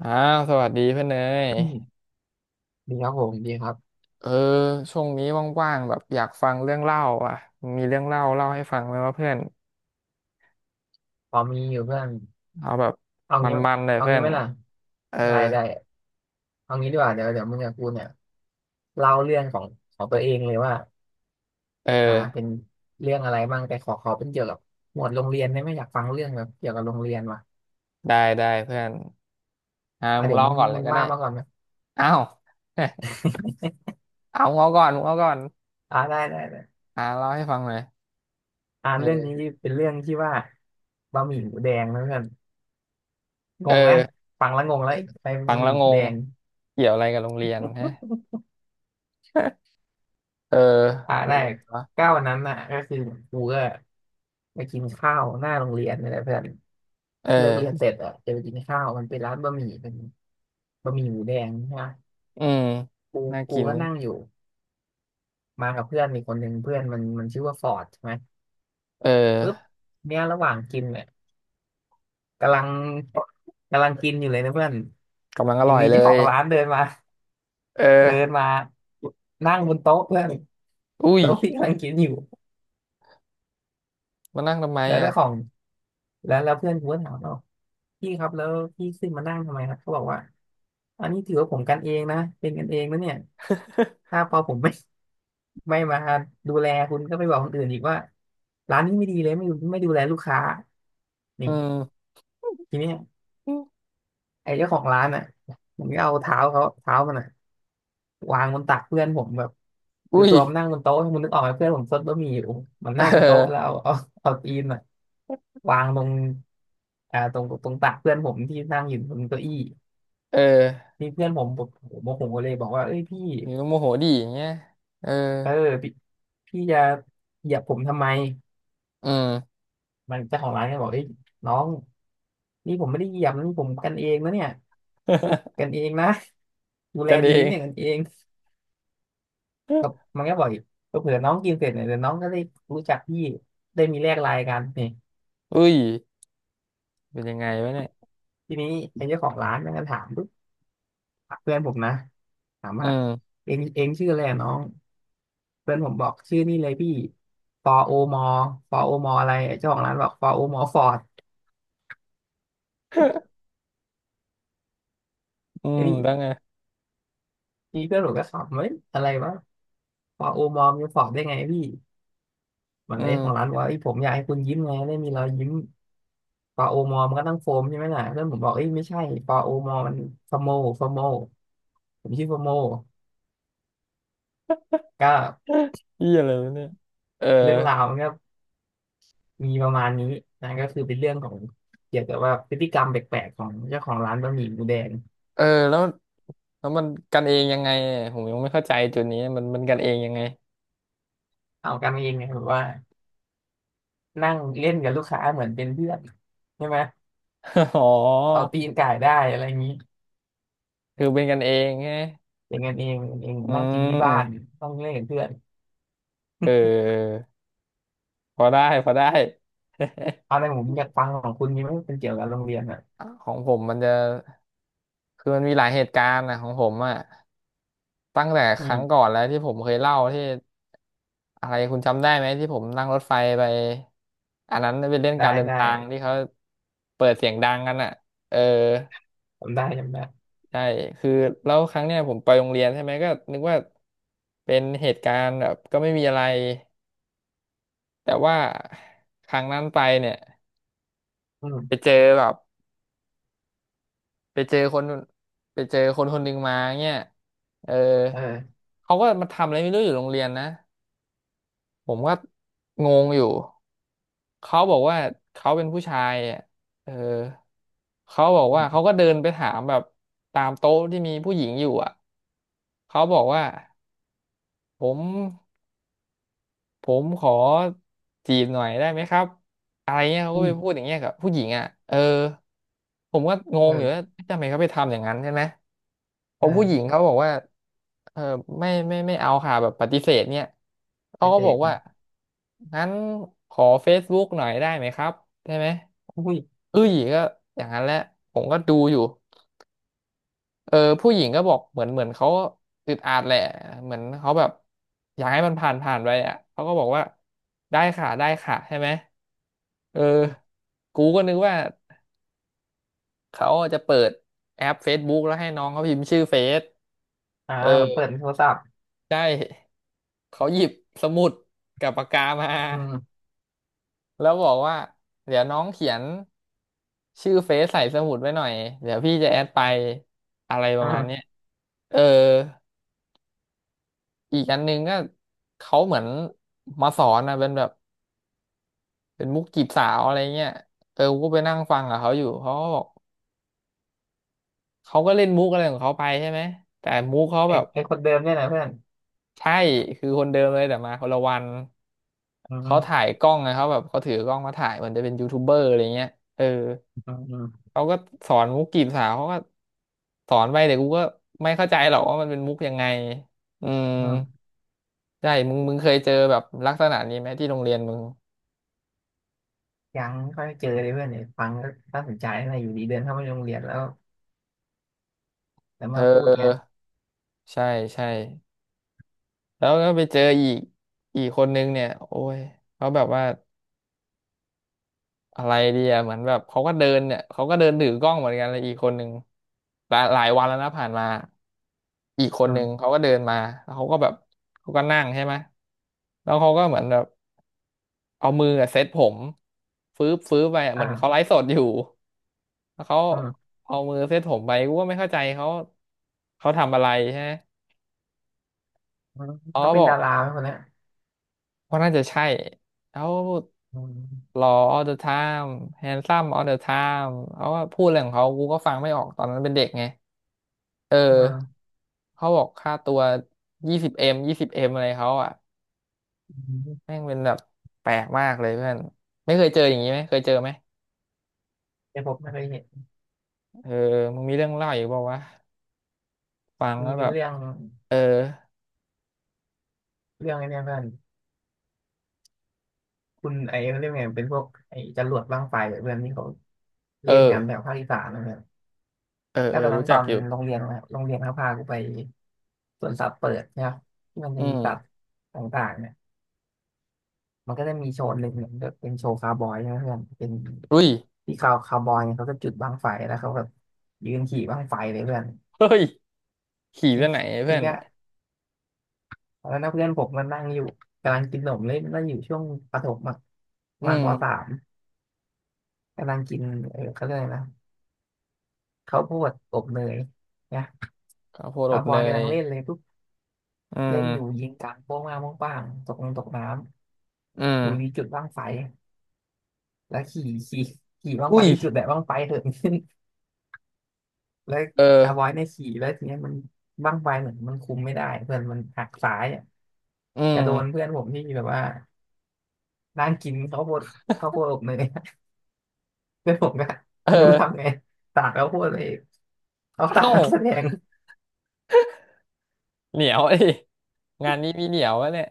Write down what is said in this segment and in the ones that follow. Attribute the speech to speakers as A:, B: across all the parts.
A: อ้าวสวัสดีเพื่อนเนย
B: อืมดีครับผมดีครับ
A: เออช่วงนี้ว่างๆแบบอยากฟังเรื่องเล่าอ่ะมีเรื่องเล่าเล่าให้ฟังไหมว่าเพื่อน
B: พอมีอยู่เพื่อน
A: เอาแบบ
B: เอางี้
A: มันๆเลย
B: เอา
A: เพื่อ
B: งี้
A: น
B: ไหมล่ะ
A: เออ
B: ได้ได้เอางี้ดีกว่าเดี๋ยวมึงกับกูเนี่ยเล่าเรื่องของของตัวเองเลยว่า
A: เออ
B: เป็นเรื่องอะไรบ้างแต่ขอเป็นเกี่ยวกับหมวดโรงเรียนได้ไหมอยากฟังเรื่องแบบเกี่ยวกับโรงเรียนว่ะ
A: ได้ได้เพื่อนอ่า
B: อ่ะ
A: มึง
B: เดี๋ยว
A: เล่า
B: มึง
A: ก่อนเล
B: มึ
A: ย
B: ง
A: ก็ได้
B: ว่ามาก่อนไหม
A: อ้าว เอามึงเอาก่อนมึงเอาก่อน
B: ได้ได้ได้
A: อ่าเล่าให้ฟังหน่อย
B: เรื่อง
A: เอ
B: นี้
A: อ
B: เป็นเรื่องที่ว่าบะหมี่หมูแดงนะเพื่อนง
A: เอ
B: งนะ
A: อ
B: ฟังแล้วงงแล้วใคร
A: ฟัง
B: บะห
A: แล้
B: มี่
A: ว
B: ห
A: ง
B: มูแด
A: ง
B: ง
A: เกี่ยวอะไรกับโรงเรียนฮะ เออเป็
B: ได้
A: นยังไงวะ
B: ก้าววันนั้นน่ะก็คือกูก็ ไปกินข้าวหน้าโรงเรียนนี่แหละเพื่อน
A: เออ
B: เลิกเรียนเสร็จอ่ะจะไปกินข้าวมันเป็นร้านบะหมี่เป็นบะหมี่หมูแดงใช่ไหม
A: อืม
B: กู
A: น่า
B: กู
A: กิน
B: ก็นั่งอยู่มากับเพื่อนอีกคนหนึ่งเพื่อนมันชื่อว่าฟอร์ดใช่ไหม
A: เอ
B: ปุ๊บ
A: อ
B: เนี่ยระหว่างกินเนี่ยกำลังกำลังกินอยู่เลยนะเพื่อน
A: กำลังอ
B: อยู่
A: ร่อย
B: ดี
A: เล
B: เจ้าข
A: ย
B: องร้านเดินมา
A: เออ
B: เดินมานั่งบนโต๊ะเพื่อน
A: อุ้ย
B: โต๊ะที่กำลังกินอยู่
A: มานั่งทำไม
B: แล้ว
A: อ่ะ
B: เจ้าของแล้วเพื่อนกูก็ถามว่าพี่ครับแล้วพี่ขึ้นมานั่งทำไมครับเขาบอกว่าอันนี้ถือว่าผมกันเองนะเป็นกันเองนะเนี่ย ถ้า พอผมไม่ ไม่มาดูแลคุณก็ไปบอกคนอื่นอีกว่าร้านนี้ไม่ดีเลยไม่ดูแลลูกค้านี่
A: อืม
B: ทีเนี้ยไอ้เจ้าของร้านอ่ะมันก็เอาเท้าเขาเท้ามันอ่ะวางบนตักเพื่อนผมแบบคือ
A: อุ้ย
B: ตัวมันนั่งบนโต๊ะมันนึกออกไหมเพื่อนผมซดบะหมี่อยู่มัน นั่ง
A: เ
B: บนโต๊ะแล้ว
A: ออ
B: เอาเอาตีนอ่ะวางตรงตรงตรงตักเพื่อนผมที่นั่งอยู่บนเก้าอี้
A: เออ
B: นี่เพื่อนผมผมโมโหเลยบอกว่าเอ้ยพี่
A: อยู่โมโหดีอย่างเงี้ยเออ
B: เออพี่พี่จะเหยียบผมทำไม
A: อืม
B: มันเจ้าของร้านก็บอกเอ้ยน้อง นี่ผมไม่ได้เหยียบนะนี่ผมกันเองนะเนี่ยกั นเองนะดูแล
A: กันเอ
B: ดีนะ
A: ง
B: เนี่ยกันเองกับ มันก็บออยกเผื่อน้องกินเสร็จเนี่ยเดี๋ยวน้องก็ได้รู้จักพี่ได้มีแลกไลน์กันนี่
A: อุ้ยเป็นยังไงวะเนี่ย
B: ทีนี้เป็นเจ้าของร้านมันก็ถามปุ๊บเพื่อนผมนะถาม
A: อื
B: ว่า
A: ม
B: เองชื่ออะไรอะน้องเพื่อนผมบอกชื่อนี่เลยพี่ฟอโอมอฟอโอมออะไรไอ้เจ้าของร้านบอกฟอโอมอฟอร์ด
A: อื
B: ไอ้
A: ม
B: นี่
A: แล้วไง
B: นี่เพื่อนผมก็ขำเฮ้ยอะไรวะฟอโอมอมีฟอร์ดได้ไงพี่มัน
A: อื
B: ไอ้ของร้าน
A: ม
B: บอกว่าไอ้ยผมอยากให้คุณยิ้มไงได้มีรอยยิ้ม ปลาโอมอมันก็ต้องโฟมใช่ไหมล่ะเพื่อนผมบอกเอ้ยไม่ใช่ปลาโอมอมันฟโมฟโมผมชื่อฟโมก็
A: เหียอะไรวะเนี่ยเออ
B: เรื่องราวมันก็มีประมาณนี้นะก็คือเป็นเรื่องของเกี่ยวกับว่าพฤติกรรมแปลกๆของเจ้าของร้านบะหมี่หมูแดง
A: เออแล้วแล้วมันกันเองยังไงอะผมยังไม่เข้าใจจุดนี้มันมันกันเองยังไง
B: เอากันเองไงแบบว่านั่งเล่นกับลูกค้าเหมือนเป็นเพื่อนใช่ไหม
A: อ๋อ
B: เอาตีนก่ายได้อะไรอย่างนี้
A: คือเป็นกันเองไง
B: เป็นกันเอง
A: อื
B: นั่งกินที่บ้าน
A: ม
B: ต้องเล่นกับเพื่อน
A: เออพอได้พอได้
B: เอาในผมอยากฟังของคุณมีไหมเป็นเกี่ยวกับโรงเรียนอ่ะ
A: ของผมมันจะ คือมันมีหลายเหตุการณ์นะของผมอะตั้งแต่
B: อื
A: ครั้งก่
B: ม
A: อนแล้วที่ผมเคยเล่าที่อะไรคุณจำได้ไหมที่ผมนั่งรถไฟไปอันนั้นเป็นเล่น
B: ได้
A: การเดิน
B: ได้
A: ทางที่เขาเปิดเสียงดังกันอ่ะเออ
B: จำได้จำได้
A: ใช่คือแล้วครั้งเนี้ยผมไปโรงเรียนใช่ไหมก็นึกว่าเป็นเหตุการณ์แบบก็ไม่มีอะไรแต่ว่าครั้งนั้นไปเนี่ย
B: อืม
A: ไปเจอแบบไปเจอคนไปเจอคนคนหนึ่งมาเนี่ยเออ
B: เออ
A: เขาก็มาทำอะไรไม่รู้อยู่โรงเรียนนะ ผมก็งงอยู่ เขาบอกว่าเขาเป็นผู้ชายอ่ะเออ เขาบอก
B: อ
A: ว่าเขาก็เดินไปถามแบบตามโต๊ะที่มีผู้หญิงอยู่อ่ะ เขาบอกว่าผม ผมขอจีบหน่อยได้ไหมครับอะไรเงี้ยเขาก็
B: ุ้ย
A: ไปพูดอย่างเงี้ยกับผู้หญิงอ่ะเออผมก็งงอยู่ว่า
B: เออ
A: ทำไมเขาไปทำอย่างนั้นใช่ไหมเพราะผู้หญิง
B: เออ
A: เขาบอกว่าเออไม่ไม่ไม่เอาค่ะแบบปฏิเสธเนี่ย
B: ป
A: เขา
B: ฏิ
A: ก็
B: เส
A: บอ
B: ธ
A: กว่า
B: นะ
A: งั้นขอเฟ c e b ๊ o หน่อยได้ไหมครับใช่ไหม
B: อุ้ย
A: เอ้ยก็อย่างนั้นแหละผมก็ดูอยู่ เออผู้หญิงก็บอกเหมือนเขาอึดอัดแหละเหมือนเขาแบบอยากให้มันผ่านไปอ่ะเขาก็บอกว่าได้ค่ะได้ค่ะใช่ไหมเออกูก็นึกว่าเขาจะเปิดแอป Facebook แล้วให้น้องเขาพิมพ์ชื่อเฟซเออ
B: เหมือนเปิดในโทรศัพท์
A: ได้เขาหยิบสมุดกับปากกามา
B: อืม
A: แล้วบอกว่าเดี๋ยวน้องเขียนชื่อเฟซใส่สมุดไว้หน่อยเดี๋ยวพี่จะแอดไปอะไรป
B: อื
A: ระมาณเนี้ย
B: ม
A: เออ อีกอันหนึงก็เขาเหมือนมาสอนนะเป็นแบบเป็นมุกจีบสาวอะไรเงี้ยเออกูไปนั่งฟังกับเขาอยู่เขาก็บอกเขาก็เล่นมุกอะไรของเขาไปใช่ไหมแต่มุกเขา
B: ไอ
A: แบบ
B: ไอคนเดิมเนี่ยนะเพื่อน
A: ใช่คือคนเดิมเลยแต่มาคนละวัน
B: อื
A: เขาถ่าย
B: ม
A: กล้องไงเขาแบบเขาถือกล้องมาถ่ายเหมือนจะเป็นยูทูบเบอร์อะไรเงี้ยเออ
B: อืมอืม
A: เขาก็สอนมุกจีบสาวเขาก็สอนไปแต่กูก็ไม่เข้าใจหรอกว่ามันเป็นมุกยังไงอืม
B: อืม
A: ใช่มึงเคยเจอแบบลักษณะนี้ไหมที่โรงเรียนมึง
B: ยังไม่ค่อยเจอเลยเพื่อนเนี่ยฟังก็น่าสนใจนะอยู่ดีเดินเข้ามาในโรงเรียนแล้วแล้ว
A: เ
B: มาพูดเงี้
A: ออ
B: ย
A: ใช่ใช่แล้วก็ไปเจออีกอีกคนนึงเนี่ยโอ้ยเขาแบบว่าอะไรดีอะเหมือนแบบเขาก็เดินเนี่ยเขาก็เดินถือกล้องเหมือนกันเลยอีกคนนึงหลายวันแล้วนะผ่านมาอีกคน
B: อื
A: นึง
B: ม
A: เขาก็เดินมาแล้วเขาก็แบบเขาก็นั่งใช่ไหมแล้วเขาก็เหมือนแบบเอามืออะเซตผมฟื้บไปอะเหมือนเขาไล
B: อ่า
A: ฟ์สดอยู่แล้วเขา
B: อืม
A: เอามือเซตผมไปกูก็ไม่เข้าใจเขาเขาทำอะไรใช่ไหม
B: อืม
A: อ๋อ
B: ก็เป็
A: บ
B: น
A: อ
B: ดา
A: ก
B: ราไหมคนเนี้ย
A: ว่าน่าจะใช่แล้ว
B: อื
A: ห
B: ม
A: ล่อ all the time handsome all the time เขาว่าพูดอะไรของเขากูก็ฟังไม่ออกตอนนั้นเป็นเด็กไงเอ
B: อื
A: อ
B: ม
A: เขาบอกค่าตัวยี่สิบเอ็มยี่สิบเอ็มอะไรเขาอ่ะ
B: อืม
A: แม่งเป็นแบบแปลกมากเลยเพื่อนไม่เคยเจออย่างนี้ไหมเคยเจอไหม
B: แต่ผมไม่เคยเห็น
A: เออมึงมีเรื่องเล่าอยู่บอกว่าวะฟัง
B: มี
A: แล้ว
B: เป็
A: แบ
B: น
A: บ
B: เรื่อง
A: เออ
B: เรื่องไอ้เนี่ยเพื่อนคุณไอ้เขาเรียกไงเป็นพวกไอ้จรวดบั้งไฟอะเพื่อนที่เขา
A: เอ
B: เล่น
A: อ
B: กันแบบภาคอีสานนะ
A: เออ
B: ก็
A: เออ
B: ตอนนั้
A: รู้
B: นต
A: จั
B: อ
A: ก
B: น
A: อยู่
B: โรงเรียนนะครับโรงเรียนเขาพากูไปสวนสัตว์เปิดนะครับที่มันจะ
A: อื
B: มี
A: ม
B: สัตว์ต่างๆเนี่ยมันก็จะมีโชว์หนึ่งเนี่ยก็เป็นโชว์คาวบอยนะเพื่อนเป็น
A: อุ้ย
B: ที่คาวบอยเนี่ยเขาก็จุดบั้งไฟแล้วเขาแบบยืนขี่บั้งไฟเลยเพื่อน
A: เฮ้ยขี่
B: ที
A: ไปไหน
B: ที
A: เพื่อน
B: เนี้ยตอนนั้นนะเพื่อนผมมันนั่งอยู่กำลังกินขนมเล่นนั่งอยู่ช่วงประถมอะประ
A: อื
B: มาณปสา
A: ม
B: มกำลังกินเออเขาเรียกอะไรนะข้าวโพดอบเนยเนี่ย
A: ข้าวโพดอ
B: คาว
A: บ
B: บอ
A: เน
B: ยกำ
A: ย
B: ลังเล่นเลยปุ๊บ
A: อื
B: เล่นอยู่
A: ม
B: ยิงกลางโป้งมาโป้งป้างตกลงตกน้ำ
A: อื
B: อยู่ที่
A: ม
B: จุดบั้งไฟแล้วขี่ขี่บั้งไฟ
A: อุ้ย
B: ที่จุดแบบบั้งไฟเถิดขึ้น แล้ว
A: เออ
B: คาร์บอยเนี่ยขี่แล้วทีเนี้ยมันบั้งไฟเหมือนมันคุมไม่ได้เพื่อนมันหักซ้ายอะ
A: อื
B: จะโดน
A: ม
B: เพื่อนผมที่แบบว่านั่งกินข้าวโพดอบเนย เพื่อนผมก็
A: เ
B: ไม่รู้ทำ
A: ออ
B: ไงสาดข้าวโพดเลยเขาสา
A: เอ้า
B: ดนักแสดง
A: เหนียว ดิงานนี้มีเหนียววะเนี่ย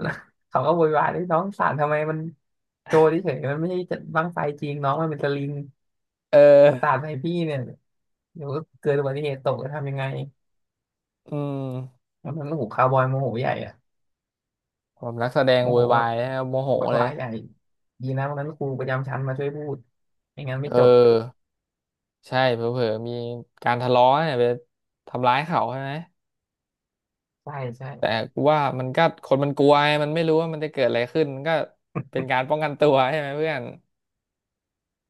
B: แล้ว เขาก็โวยวายเลยน้องสาดทำไมมันโจรเฉยๆมันไม่ใช่จะบั้งไฟจริงน้องมันเป็นสลิง
A: เอ
B: สา
A: อ
B: ดใส่พี่เนี่ยเดี๋ยวเกิดอุบัติเหตุตกจะทำยังไง
A: อืม
B: แล้วมันโอ้โหคาร์บอยโมโหใหญ่อะ
A: ผมนักแสดง
B: โม
A: โว
B: โห
A: ย
B: แบ
A: วา
B: บ
A: ยนะครับโมโห
B: ไวุน
A: เลย
B: วายใหญ่ดีนะวันนั้นครูประจำชั้นมาช่วยพูดไม่งั้นไม่
A: เออ
B: จบ
A: ใช่เผลอๆมีการทะเลาะเนี่ยไปทำร้ายเขาใช่ไหม
B: ใช่ใช่
A: แต่กูว่ามันก็คนมันกลัวไงมันไม่รู้ว่ามันจะเกิดอะไรขึ้นมันก็เป็นการป้องกันตัวใช่ไหมเพื่อน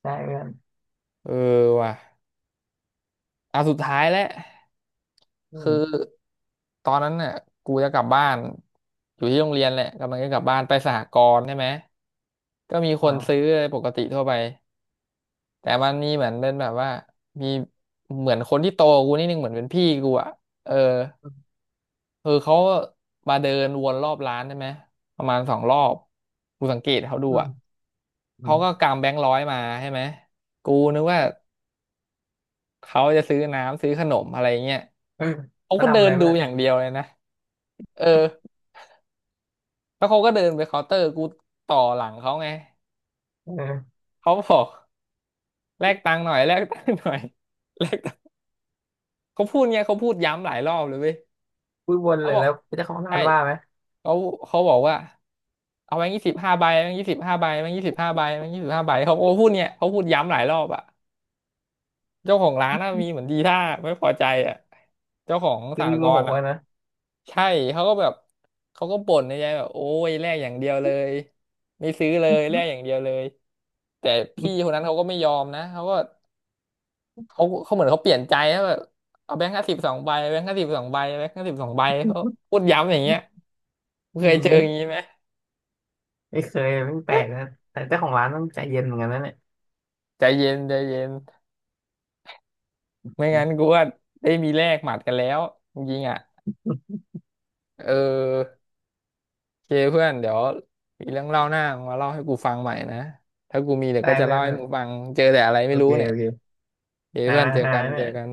B: ใช่เพื่อน
A: เออว่ะ อ่ะสุดท้ายแล้ว
B: อื
A: คือ
B: ม
A: ตอนนั้นเนี่ยกูจะกลับบ้านอยู่ที่โรงเรียนแหละกำลังจะกลับบ้านไปสหกรณ์ใช่ไหมก็มีคนซื้อ
B: อ่า
A: ปกติทั่วไปแต่มันมีเหมือนเป็นแบบว่ามีเหมือนคนที่โตกว่ากูนิดนึงเหมือนเป็นพี่กูอ่ะเออคือเขามาเดินวนรอบร้านใช่ไหมประมาณสองรอบกูสังเกตเขาดู
B: อืม
A: อ่ะ
B: อื
A: เขา
B: ม
A: ก็กำแบงค์ร้อยมาใช่ไหมกูนึกว่า เขาจะซื้อน้ำซื้อขนมอะไรเงี้ย เขา
B: อา
A: ก็
B: ทำ
A: เดิ
B: อะไร
A: นดู
B: เพื่อน
A: อย่างเดียวเลยนะ เออแล้วเขาก็เดินไปเคาน์เตอร์กูต่อหลังเขาไง
B: เออ
A: เขาบอกแลกตังค์หน่อยแลกตังค์หน่อยแลกตังค์เขาพูดเงี้ยเขาพูดย้ำหลายรอบเลยเว้ย
B: พูดวน
A: เขา
B: เลย
A: บอก
B: แล้วเจ้าของร้า
A: ใช่
B: นว่าไหม
A: เขาเขาบอกว่าเอาแบงค์ยี่สิบห้าใบแบงค์ยี่สิบห้าใบแบงค์ยี่สิบห้าใบแบงค์ยี่สิบห้าใบาเขาโอ้พูดเงี้ยเขาพูดย้ำหลายรอบอะ เจ้าของร้านน่ะมีเหมือนดีท่าไม่พอใจอ่ะเจ้าของ
B: คื
A: ส
B: อ
A: ห
B: มีโม
A: ก
B: โห
A: รณ์อ่ะ
B: อะนะ
A: ใช่เขาก็แบบเขาก็บ่นในใจแบบโอ้ยแลกอย่างเดียวเลยไม่ซื้อเลยแลกอย่างเดียวเลยแต่พี่คนนั้นเขาก็ไม่ยอมนะเขาก็เขาเหมือนเขาเปลี่ยนใจแล้วแบบเอาแบงค์ห้าสิบสองใบแบงค์ห้าสิบสองใบแบงค์ห้าสิบสองใบเขา พูดย้ำอย่างเงี้ย
B: อื
A: เคยเจอ
B: ม
A: อย่างนี้ไหม
B: ไม่เคยไม่แปลกนะแต่เจ้าของร้านต้องใจเย็นเหมือนกันนะเนี่ย
A: ใจเย็นใจเย็น
B: อ
A: ไม่
B: ืม
A: งั้นกูว่าได้มีแลกหมัดกันแล้วจริงๆอ่ะเออ เคเพื่อนเดี๋ยวมีเรื่องเล่าหน้ามาเล่าให้กูฟังใหม่นะถ้ากูมีเดี๋ยว
B: ได้
A: ก็จะ
B: เพื่อ
A: เล่า
B: น
A: ให้มึงฟังเจอแต่อะไร
B: โอ
A: ไม่รู้
B: เค
A: เนี่
B: โอ
A: ย
B: เค
A: เค
B: ฮ่า
A: เพื่อนเจอ
B: ฮา
A: กัน
B: เนี่
A: เจ
B: ย
A: อกัน